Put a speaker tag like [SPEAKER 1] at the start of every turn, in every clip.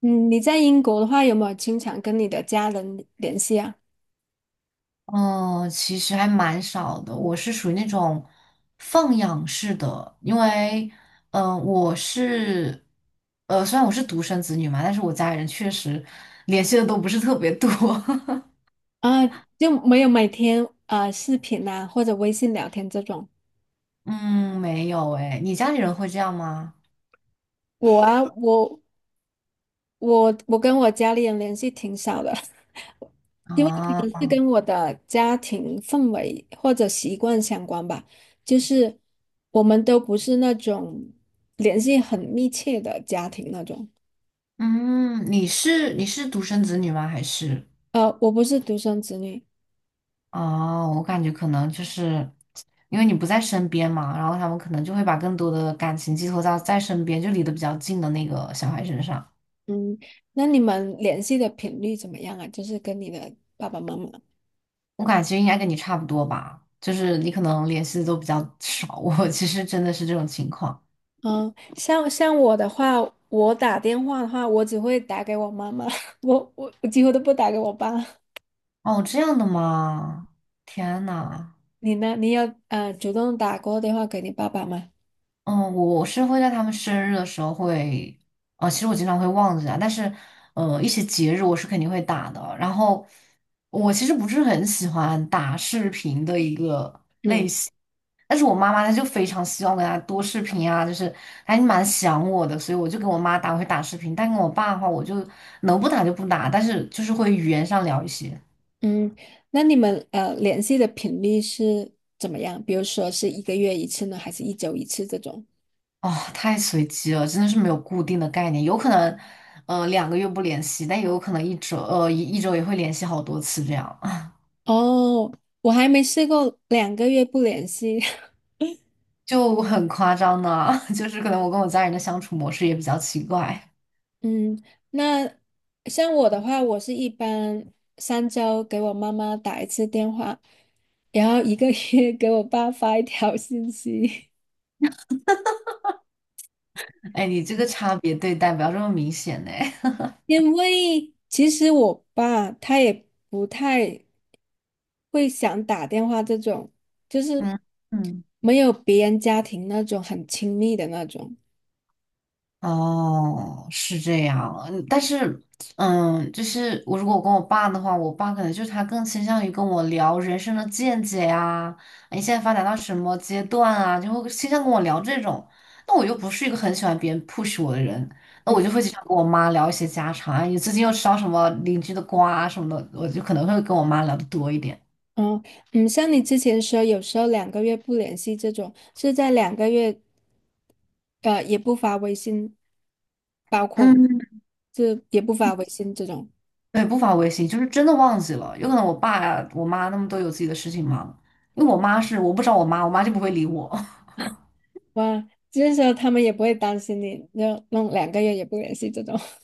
[SPEAKER 1] 嗯，你在英国的话，有没有经常跟你的家人联系啊？
[SPEAKER 2] 嗯，其实还蛮少的。我是属于那种放养式的，因为，嗯、我是，虽然我是独生子女嘛，但是我家里人确实联系的都不是特别多。
[SPEAKER 1] 啊，就没有每天啊、视频啊或者微信聊天这种。
[SPEAKER 2] 嗯，没有诶，你家里人会这样吗？
[SPEAKER 1] 我啊，我跟我家里人联系挺少的，因为可
[SPEAKER 2] 啊，
[SPEAKER 1] 能是跟我的家庭氛围或者习惯相关吧。就是我们都不是那种联系很密切的家庭那种。
[SPEAKER 2] 嗯，你是独生子女吗？还是？
[SPEAKER 1] 我不是独生子女。
[SPEAKER 2] 哦，我感觉可能就是因为你不在身边嘛，然后他们可能就会把更多的感情寄托到在身边，就离得比较近的那个小孩身上。
[SPEAKER 1] 嗯，那你们联系的频率怎么样啊？就是跟你的爸爸妈妈。
[SPEAKER 2] 我感觉应该跟你差不多吧，就是你可能联系的都比较 少，我其实真的是这种情况。
[SPEAKER 1] 嗯，像我的话，我打电话的话，我只会打给我妈妈，我几乎都不打给我爸。
[SPEAKER 2] 哦，这样的吗？天呐，
[SPEAKER 1] 你呢？你有主动打过电话给你爸爸吗？
[SPEAKER 2] 嗯，我是会在他们生日的时候会，哦，其实我经常会忘记啊，但是，一些节日我是肯定会打的。然后，我其实不是很喜欢打视频的一个。
[SPEAKER 1] 嗯
[SPEAKER 2] 但是我妈妈她就非常希望跟她多视频啊，就是还蛮想我的，所以我就跟我妈打会打视频，但跟我爸的话，我就能不打就不打，但是就是会语言上聊一些。
[SPEAKER 1] 嗯，那你们联系的频率是怎么样？比如说是一个月一次呢，还是一周一次这种？
[SPEAKER 2] 哦，太随机了，真的是没有固定的概念，有可能，两个月不联系，但也有可能一周，一周也会联系好多次，这样
[SPEAKER 1] 哦，我还没试过两个月不联系。
[SPEAKER 2] 就很夸张呢。就是可能我跟我家人的相处模式也比较奇怪。
[SPEAKER 1] 嗯，那像我的话，我是一般三周给我妈妈打一次电话，然后一个月 给我爸发一条信息。
[SPEAKER 2] 哎，你这个差别对待不要这么明显呢。
[SPEAKER 1] 因为其实我爸他也不太会想打电话这种，就 是
[SPEAKER 2] 嗯嗯。
[SPEAKER 1] 没有别人家庭那种很亲密的那种。
[SPEAKER 2] 哦，是这样，嗯但是，嗯，就是我如果跟我爸的话，我爸可能就是他更倾向于跟我聊人生的见解呀，你现在发展到什么阶段啊，就会倾向跟我聊这种。那我又不是一个很喜欢别人 push 我的人，那我就
[SPEAKER 1] 嗯
[SPEAKER 2] 会经常跟我妈聊一些家常啊，你最近又吃到什么邻居的瓜啊什么的，我就可能会跟我妈聊的多一点。
[SPEAKER 1] 嗯嗯，像你之前说，有时候两个月不联系这种，是在两个月。呃，也不发微信，包括吗
[SPEAKER 2] 嗯。
[SPEAKER 1] 就也不发微信这种。
[SPEAKER 2] 对，不发微信，就是真的忘记了。有可能我爸呀、我妈他们都有自己的事情忙，因为我妈是我不找我妈，我妈就不会理我。
[SPEAKER 1] 哇，就是说他们也不会担心你，就弄两个月也不联系这种。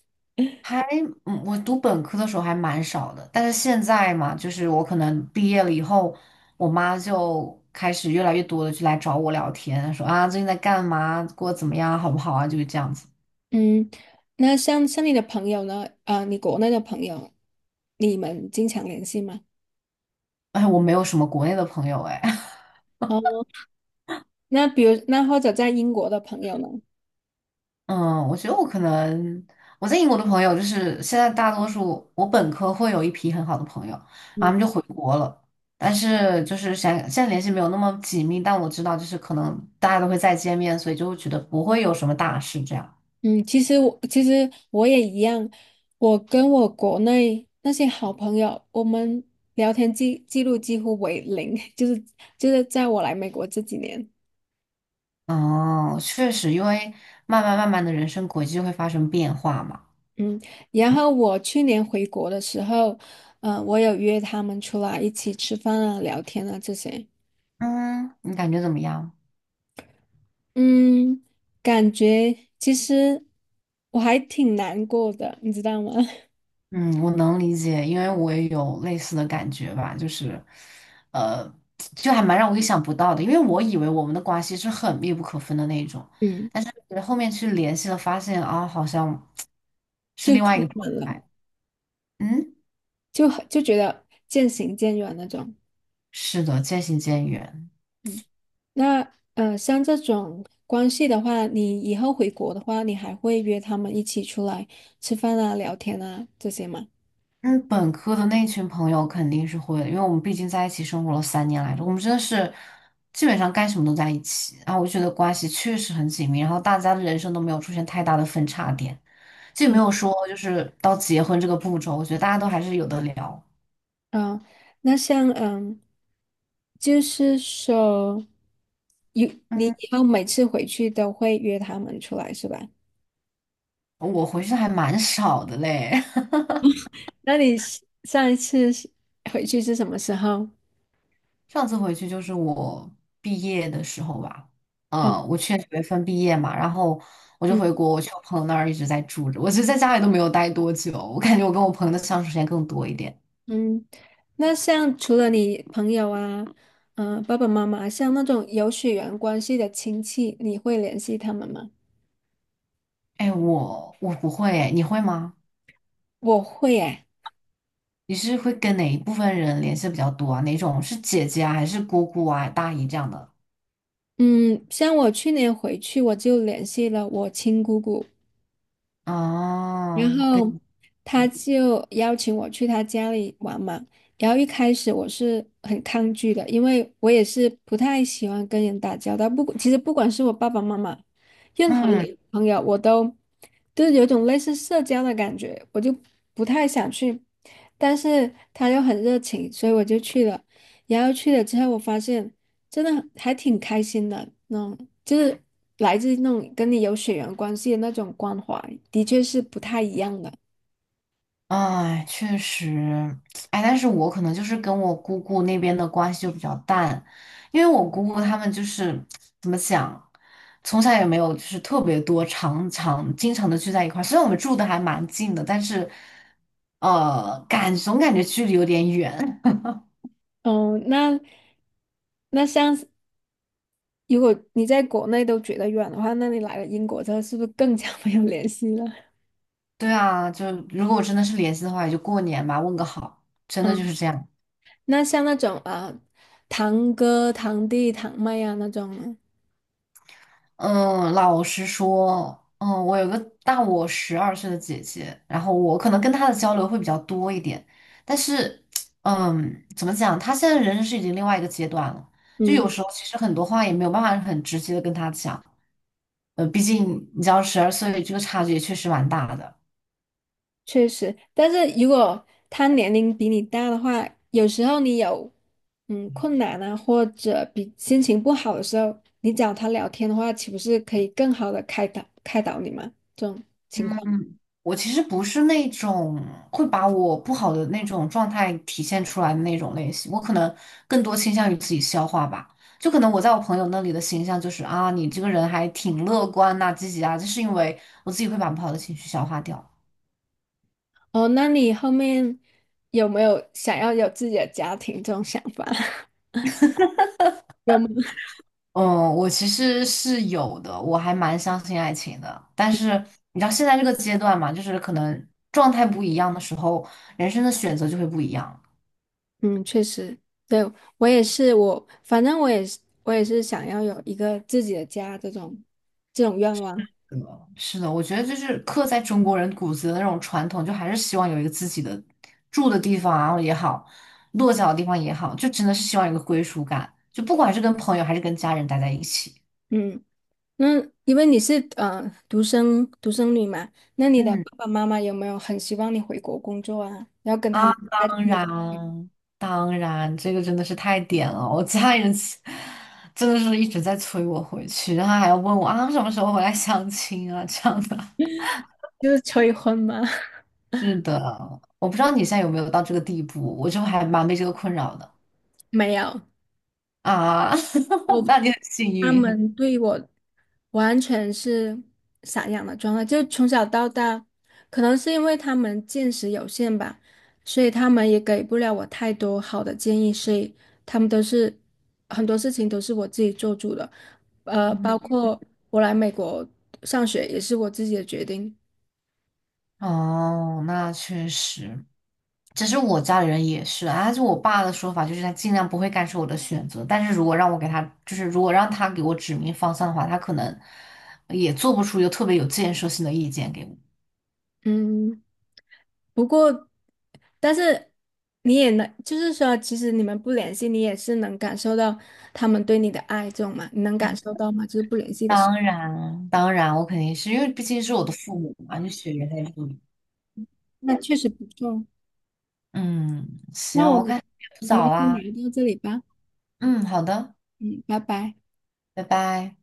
[SPEAKER 2] 还，嗯，我读本科的时候还蛮少的，但是现在嘛，就是我可能毕业了以后，我妈就开始越来越多的就来找我聊天，说啊最近在干嘛，过得怎么样，好不好啊，就是这样子。
[SPEAKER 1] 嗯，那像你的朋友呢？啊、你国内的朋友，你们经常联系吗？
[SPEAKER 2] 哎，我没有什么国内的朋友，哎，
[SPEAKER 1] 哦，那比如那或者在英国的朋友呢？
[SPEAKER 2] 嗯，我觉得我可能我在英国的朋友，就是现在大多数我本科会有一批很好的朋友，然后他们
[SPEAKER 1] 嗯。
[SPEAKER 2] 就回国了，但是就是想现在联系没有那么紧密，但我知道就是可能大家都会再见面，所以就会觉得不会有什么大事这样。
[SPEAKER 1] 嗯，其实我也一样，我跟我国内那些好朋友，我们聊天记录几乎为零，就是在我来美国这几年，
[SPEAKER 2] 哦，确实，因为慢慢的人生轨迹就会发生变化嘛。
[SPEAKER 1] 嗯，然后我去年回国的时候，嗯，我有约他们出来一起吃饭啊、聊天啊这些，
[SPEAKER 2] 嗯，你感觉怎么样？
[SPEAKER 1] 嗯，感觉其实我还挺难过的，你知道吗？
[SPEAKER 2] 嗯，我能理解，因为我也有类似的感觉吧，就是，呃，就还蛮让我意想不到的，因为我以为我们的关系是很密不可分的那一种，
[SPEAKER 1] 嗯，
[SPEAKER 2] 但是后面去联系了，发现啊，好像是
[SPEAKER 1] 就
[SPEAKER 2] 另外一
[SPEAKER 1] 出
[SPEAKER 2] 个状
[SPEAKER 1] 门了，
[SPEAKER 2] 态。嗯，
[SPEAKER 1] 就觉得渐行渐远那种。
[SPEAKER 2] 是的，渐行渐远。
[SPEAKER 1] 嗯那，像这种关系的话，你以后回国的话，你还会约他们一起出来吃饭啊、聊天啊这些吗？
[SPEAKER 2] 嗯，本科的那群朋友肯定是会的，因为我们毕竟在一起生活了3年来着，我们真的是基本上干什么都在一起，然后我就觉得关系确实很紧密，然后大家的人生都没有出现太大的分叉点。既没
[SPEAKER 1] 嗯，
[SPEAKER 2] 有说就是到结婚这个步骤，我觉得大家都还是有的聊。
[SPEAKER 1] 啊、那像嗯，就是说，有你
[SPEAKER 2] 嗯，
[SPEAKER 1] 以后每次回去都会约他们出来是吧？
[SPEAKER 2] 我回去的还蛮少的嘞，
[SPEAKER 1] 那你是上一次是回去是什么时候？
[SPEAKER 2] 上次回去就是我毕业的时候吧，
[SPEAKER 1] 哦，
[SPEAKER 2] 嗯，我去年9月份毕业嘛，然后我就
[SPEAKER 1] 嗯。
[SPEAKER 2] 回国，我去我朋友那儿一直在住着，我其实在家里都没有待多久，我感觉我跟我朋友的相处时间更多一点。
[SPEAKER 1] 嗯，那像除了你朋友啊，嗯、爸爸妈妈，像那种有血缘关系的亲戚，你会联系他们吗？
[SPEAKER 2] 哎，我不会诶，你会吗？
[SPEAKER 1] 我会诶，
[SPEAKER 2] 你是会跟哪一部分人联系比较多啊？哪种是姐姐啊，还是姑姑啊、大姨这样的？
[SPEAKER 1] 嗯，像我去年回去，我就联系了我亲姑姑。然
[SPEAKER 2] 哦，
[SPEAKER 1] 后
[SPEAKER 2] 跟
[SPEAKER 1] 他就邀请我去他家里玩嘛。然后一开始我是很抗拒的，因为我也是不太喜欢跟人打交道。不，其实不管是我爸爸妈妈，任何
[SPEAKER 2] 嗯。
[SPEAKER 1] 人朋友，我都就是有种类似社交的感觉，我就不太想去。但是他又很热情，所以我就去了。然后去了之后，我发现。真的还挺开心的，嗯，就是来自那种跟你有血缘关系的那种关怀，的确是不太一样的。
[SPEAKER 2] 哎，确实，哎，但是我可能就是跟我姑姑那边的关系就比较淡，因为我姑姑他们就是怎么讲，从小也没有就是特别多常常经常的聚在一块儿，虽然我们住的还蛮近的，但是总感觉距离有点远。
[SPEAKER 1] 哦，那那像是如果你在国内都觉得远的话，那你来了英国之后，是不是更加没有联系了？
[SPEAKER 2] 对啊，就如果我真的是联系的话，也就过年吧，问个好，真的就是
[SPEAKER 1] 嗯，
[SPEAKER 2] 这样。
[SPEAKER 1] 那像那种啊，堂哥、堂弟、堂妹啊那种呢
[SPEAKER 2] 嗯，老实说，嗯，我有个大我十二岁的姐姐，然后我可能跟她的交流会比较多一点，但是，嗯，怎么讲，她现在人生是已经另外一个阶段了，就
[SPEAKER 1] 嗯。
[SPEAKER 2] 有时候其实很多话也没有办法很直接的跟她讲，毕竟你知道十二岁这个差距也确实蛮大的。
[SPEAKER 1] 确实，但是如果他年龄比你大的话，有时候你有嗯困难啊，或者比心情不好的时候，你找他聊天的话，岂不是可以更好的开导开导你吗？这种情况
[SPEAKER 2] 嗯，我其实不是那种会把我不好的那种状态体现出来的那种类型，我可能更多倾向于自己消化吧。就可能我在我朋友那里的形象就是啊，你这个人还挺乐观呐、积极啊，就是因为我自己会把不好的情绪消化掉。
[SPEAKER 1] 哦，那你后面有没有想要有自己的家庭这种想法？有吗？
[SPEAKER 2] 嗯，我其实是有的，我还蛮相信爱情的。但是你知道现在这个阶段嘛，就是可能状态不一样的时候，人生的选择就会不一样。
[SPEAKER 1] 嗯，确实，对，我也是，我反正我也是，我也是想要有一个自己的家这种这种愿望。
[SPEAKER 2] 嗯，是的，我觉得就是刻在中国人骨子的那种传统，就还是希望有一个自己的住的地方然后也好，落脚的地方也好，就真的是希望有个归属感，就不管是跟朋友还是跟家人待在一起。
[SPEAKER 1] 嗯。那因为你是独生女嘛，那你的爸
[SPEAKER 2] 嗯
[SPEAKER 1] 爸妈妈有没有很希望你回国工作啊？要跟他
[SPEAKER 2] 啊，
[SPEAKER 1] 们在这
[SPEAKER 2] 当
[SPEAKER 1] 里
[SPEAKER 2] 然，当然，这个真的是太点了，我家人其真的是一直在催我回去，然后还要问我啊什么时候回来相亲啊这样的。
[SPEAKER 1] 就是催婚吗？
[SPEAKER 2] 是的，我不知道你现在有没有到这个地步，我就还蛮被这个困扰的。
[SPEAKER 1] 没有，
[SPEAKER 2] 啊，
[SPEAKER 1] 我
[SPEAKER 2] 那你很幸
[SPEAKER 1] 他
[SPEAKER 2] 运。
[SPEAKER 1] 们对我完全是散养的状态，就从小到大，可能是因为他们见识有限吧，所以他们也给不了我太多好的建议，所以他们都是很多事情都是我自己做主的，呃，
[SPEAKER 2] 嗯，
[SPEAKER 1] 包括我来美国上学也是我自己的决定，
[SPEAKER 2] 哦，那确实。其实我家里人也是，啊，就我爸的说法就是他尽量不会干涉我的选择，但是如果让我给他，就是如果让他给我指明方向的话，他可能也做不出一个特别有建设性的意见给我。
[SPEAKER 1] 嗯，不过，但是你也能，就是说，其实你们不联系，你也是能感受到他们对你的爱，这种嘛，你能感受到吗？就是不联系的时候，
[SPEAKER 2] 当然，当然，我肯定是因为毕竟是我的父母嘛，就血缘在这里。
[SPEAKER 1] 那确实不错。
[SPEAKER 2] 嗯，行，
[SPEAKER 1] 那我
[SPEAKER 2] 我
[SPEAKER 1] 们
[SPEAKER 2] 看也不早
[SPEAKER 1] 先
[SPEAKER 2] 啦。
[SPEAKER 1] 聊到这里吧，
[SPEAKER 2] 嗯，好的，
[SPEAKER 1] 嗯，拜拜。
[SPEAKER 2] 拜拜。